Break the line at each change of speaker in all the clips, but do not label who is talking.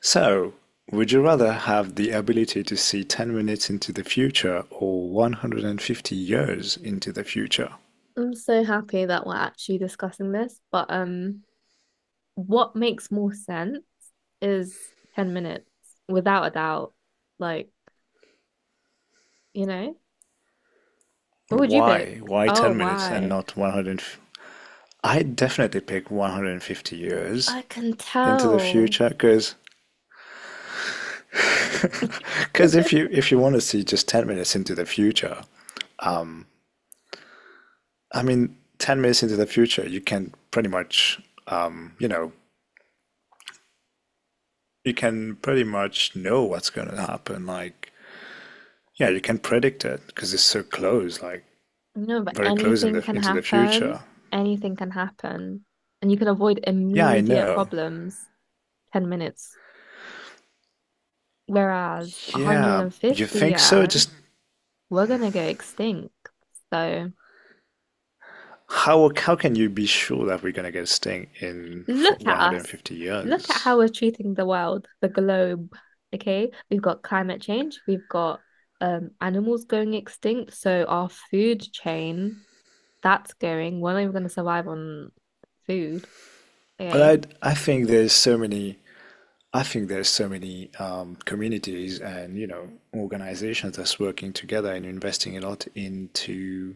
So, would you rather have the ability to see 10 minutes into the future or 150 years into the future?
I'm so happy that we're actually discussing this, but what makes more sense is 10 minutes without a doubt. Like, you know, what would you pick?
Why? Why
Oh,
10 minutes and
why?
not 100? I definitely pick 150 years
I can
into the
tell.
future because if you if you want to see just 10 minutes into the future, I mean 10 minutes into the future, you can pretty much um, you know, you can pretty much know what's going to happen, like. Yeah, you can predict it because it's so close, like
No, but
very close in
anything
the
can
into the
happen.
future.
Anything can happen. And you can avoid
Yeah, I
immediate
know.
problems 10 minutes. Whereas
Yeah, you
150
think so?
years,
Just
we're gonna go extinct. So
how can you be sure that we're gonna get this thing in for
look at us.
150
Look at
years?
how we're treating the world, the globe. Okay, we've got climate change, we've got animals going extinct, so our food chain that's going. We're not even going to survive on food. Okay,
But I think there's so many, I think there's so many communities and you know organizations that's working together and investing a lot into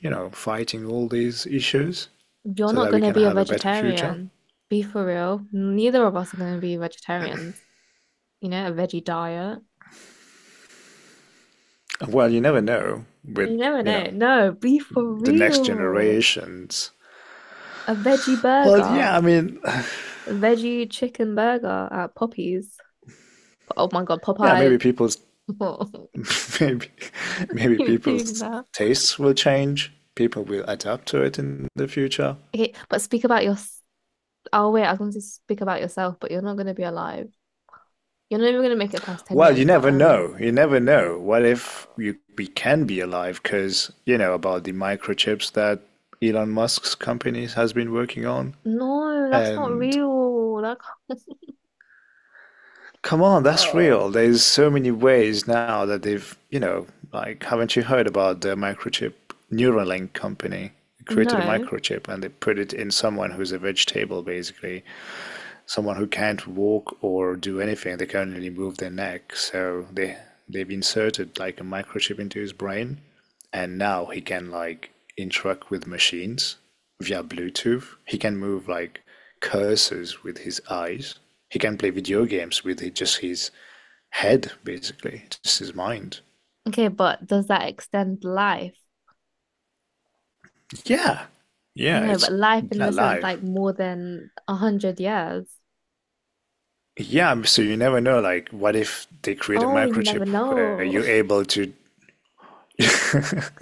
you know fighting all these issues
you're
so
not
that we
going to
can
be a
have a better future.
vegetarian. Be for real. Neither of us are going to be vegetarians. You know, a veggie diet.
Well, you never know
You
with
never
you know
know. No, be for
the next
real.
generations.
A veggie
Well,
burger,
yeah, I mean,
a veggie chicken burger at Poppy's. Oh my God,
yeah,
Popeyes.
maybe people's maybe maybe
Keep doing
people's
that.
tastes will change. People will adapt to it in the future.
Okay, but speak about your. Oh wait, I was going to speak about yourself, but you're not going to be alive. You're not even going to make it past ten
Well,
years.
you
But
never know. You never know. What if
uh,
you, we can be alive? Because you know about the microchips that Elon Musk's company has been working on,
no, that's not
and
real. That can't-
come on, that's
Oh.
real. There's so many ways now that they've, you know, like, haven't you heard about the microchip Neuralink company? Created a
No.
microchip and they put it in someone who's a vegetable, basically, someone who can't walk or do anything. They can only move their neck. So they they've inserted like a microchip into his brain, and now he can like interact with machines via Bluetooth. He can move like cursors with his eyes. He can play video games with just his head, basically, just his mind.
Okay, but does that extend life?
Yeah, yeah,
No,
it's
but life in the sense
alive.
like more than 100 years.
Yeah, so you never know. Like, what if they create a
Oh, you never
microchip where
know.
you're able to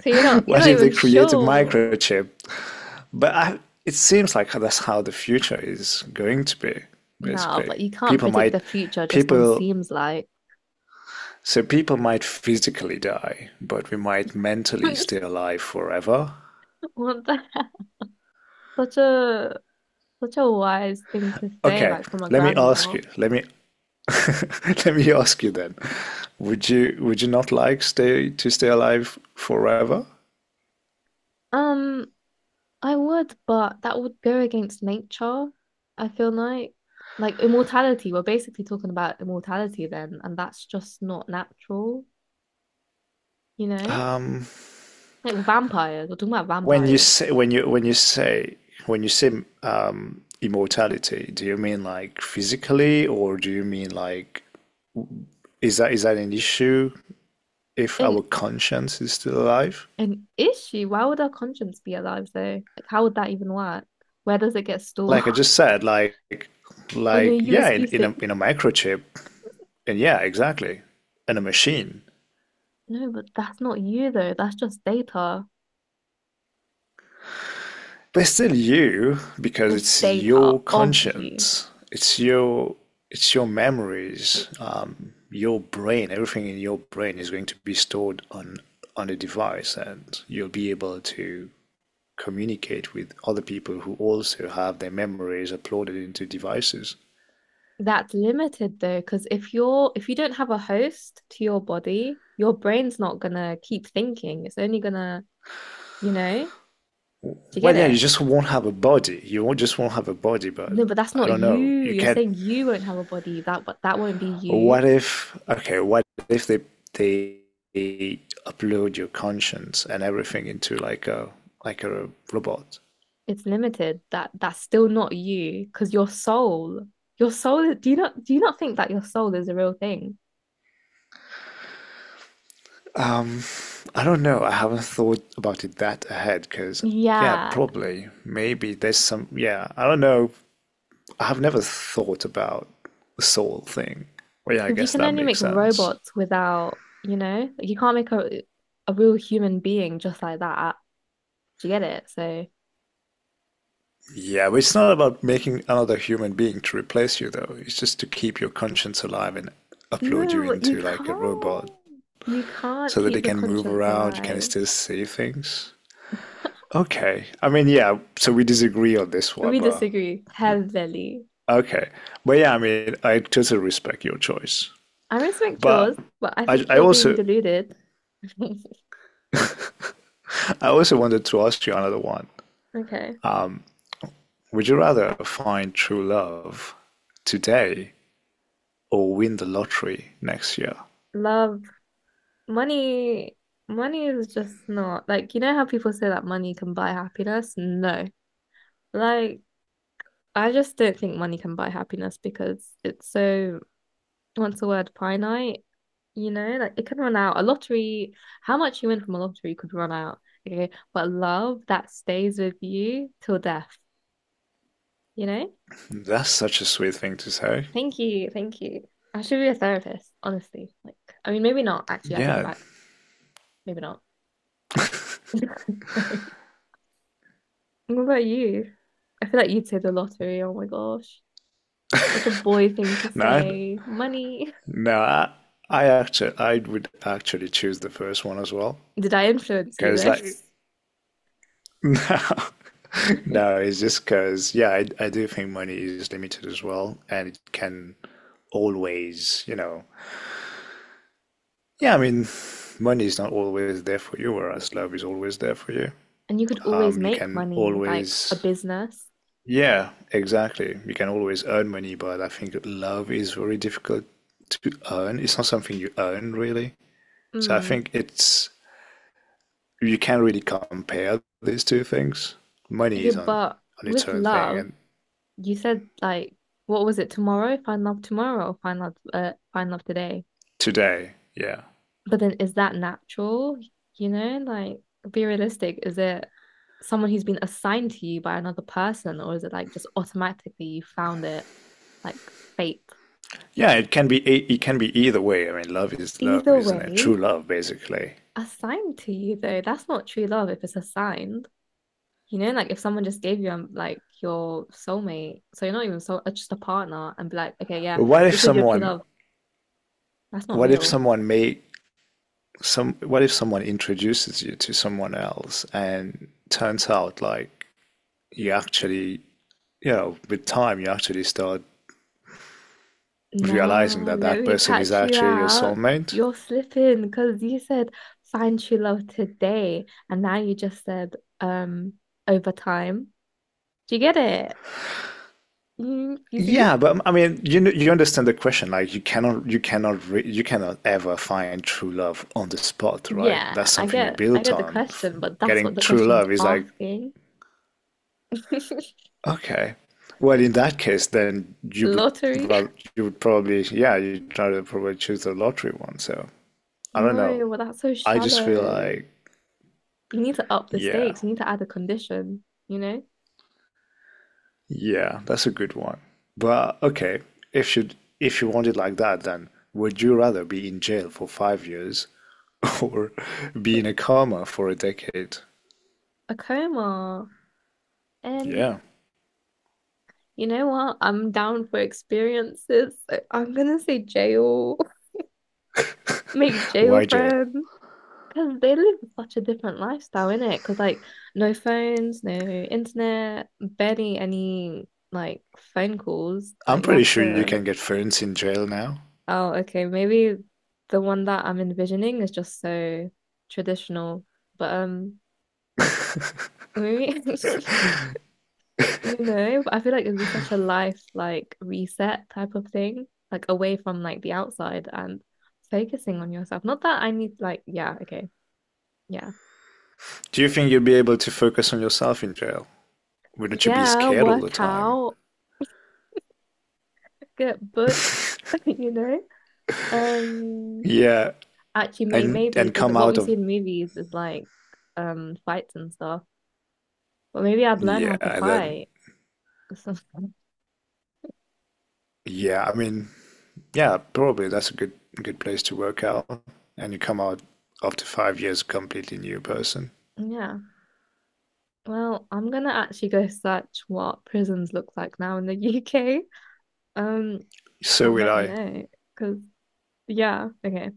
So you're not you're
what
not
if they
even
create a
sure.
microchip? But I, it seems like that's how the future is going to be,
No,
basically.
but you can't
People
predict the
might,
future just on
people,
seems like.
so people might physically die, but we might mentally stay alive forever.
What the heck? Such a such a wise thing to say,
Okay,
like from a
let me ask
grandma.
you. Let me let me ask you then. Would you not like stay to stay alive forever?
Um, I would, but that would go against nature. I feel like immortality. We're basically talking about immortality then, and that's just not natural, you know?
Um,
Like vampires. We're talking about
When you
vampires.
say when you say immortality, do you mean like physically, or do you mean like is that an issue if
An
our conscience is still alive?
an issue. Why would our conscience be alive though? Like how would that even work? Where does it get stored?
Like I just said,
On a
like yeah,
USB stick.
in a microchip, and yeah, exactly, in a machine.
No, but that's not you though. That's just data.
But it's still you because
It's
it's
data
your
of you.
conscience, it's your, it's your memories, your brain, everything in your brain is going to be stored on a device, and you'll be able to communicate with other people who also have their memories uploaded into devices.
That's limited though, because if you don't have a host to your body, your brain's not gonna keep thinking. It's only gonna, you know, do you get
Well yeah, you
it?
just won't have a body, you won't just won't have a body, but
No, but that's
I
not
don't know,
you.
you
You're
can not.
saying you won't have a body. That won't be you.
What if, okay, what if they they, upload your conscience and everything into like a robot?
It's limited. That's still not you, because your soul, your soul. Do you not think that your soul is a real thing?
Um, I don't know. I haven't thought about it that ahead because yeah,
Yeah,
probably maybe there's some yeah, I don't know. I have never thought about the soul thing. Well, yeah, I
because you
guess
can
that
only
makes
make
sense.
robots without, you know, like you can't make a real human being just like that. Do you get it? So
Yeah, but it's not about making another human being to replace you though. It's just to keep your conscience alive and upload you
no, but you
into like a
can't.
robot
You can't
so that they
keep your
can move
conscience
around, you can
alive.
still see things. Okay. I mean, yeah, so we disagree on this one,
We
but
disagree heavily.
okay. But yeah, I mean, I totally respect your choice.
I respect
But
yours, but I
I,
think
I
you're being
also
deluded.
I also wanted to ask you another one.
Okay.
Would you rather find true love today or win the lottery next year?
Love, money, money is just not like you know how people say that money can buy happiness? No. Like I just don't think money can buy happiness because it's so what's the word, finite, you know, like it can run out. A lottery, how much you win from a lottery could run out. Okay. But love that stays with you till death, you know?
That's such a sweet thing to say.
Thank you. Thank you. I should be a therapist, honestly. Like, I mean, maybe not. Actually, I take it
Yeah.
back. Maybe not. Sorry. What about you? I feel like you'd say the lottery. Oh my gosh. Such a boy thing to
No, I-
say. Money.
no, I would actually choose the first one as well,
Did I influence you
because
though?
like no, no, it's just because, yeah, I do think money is limited as well, and it can always, you know, yeah, I mean, money is not always there for you, whereas love is always there for you.
And you could always
You
make
can
money, like a
always,
business.
yeah, exactly. You can always earn money, but I think love is very difficult to earn. It's not something you earn, really. So I
Mm.
think it's, you can't really compare these two things. Money
Okay,
is
but
on its
with
own thing,
love,
and
you said like, what was it tomorrow? Find love tomorrow, find love today.
today. Yeah.
But then is that natural? You know, like be realistic. Is it someone who's been assigned to you by another person, or is it like just automatically you found it like fate.
Yeah, it can be e, it can be either way. I mean, love is love,
Either
isn't it? True
way,
love, basically.
assigned to you though, that's not true love if it's assigned. You know, like if someone just gave you like your soulmate, so you're not even just a partner, and be like, okay, yeah,
But what if
this is your true
someone?
love. That's not
What if
real.
someone may some? What if someone introduces you to someone else, and turns out like you actually, you know, with time you actually start realizing
Nah,
that
let
that
me
person is
catch you
actually your
out.
soulmate.
You're slipping because you said find true love today, and now you just said over time. Do you get it? Mm, you see?
Yeah, but I mean, you kn- you understand the question. Like, you cannot ever find true love on the spot, right?
Yeah,
That's
I
something you
get I
built
get the
on.
question, but that's what
Getting
the
true
question's
love is like,
asking.
okay, well, in that case, then you would
Lottery?
rather, you would probably yeah, you try to probably choose the lottery one. So I don't know.
No, well that's so
I just feel
shallow.
like
You need to up the
yeah.
stakes. You need to add a condition, you know?
Yeah, that's a good one. But okay, if you if you want it like that, then would you rather be in jail for 5 years or be in a coma for a decade?
A coma. Um,
Yeah.
you know what? I'm down for experiences. I'm gonna say jail. Make jail
Why jail?
friends. Because they live such a different lifestyle, innit? Because like no phones, no internet, barely any like phone calls.
I'm
Like you
pretty
have
sure you
to
can get phones in jail now.
oh, okay. Maybe the one that I'm envisioning is just so traditional. But maybe you know, I feel like it'd be such a life like reset type of thing, like away from like the outside and focusing on yourself. Not that I need like yeah, okay. Yeah.
Do you think you'll be able to focus on yourself in jail? Wouldn't you be
Yeah,
scared all the
work
time?
out, get booked, you know. Um
Yeah,
actually maybe
and
because
come
what
out
we see
of
in movies is like fights and stuff. But maybe I'd learn
yeah,
how to
and then
fight.
yeah, I mean, yeah, probably that's a good good place to work out. And you come out after 5 years a completely new person.
Yeah. Well, I'm gonna actually go search what prisons look like now in the UK. Um,
So
I'll
will
let you
I.
know. Because, yeah, okay.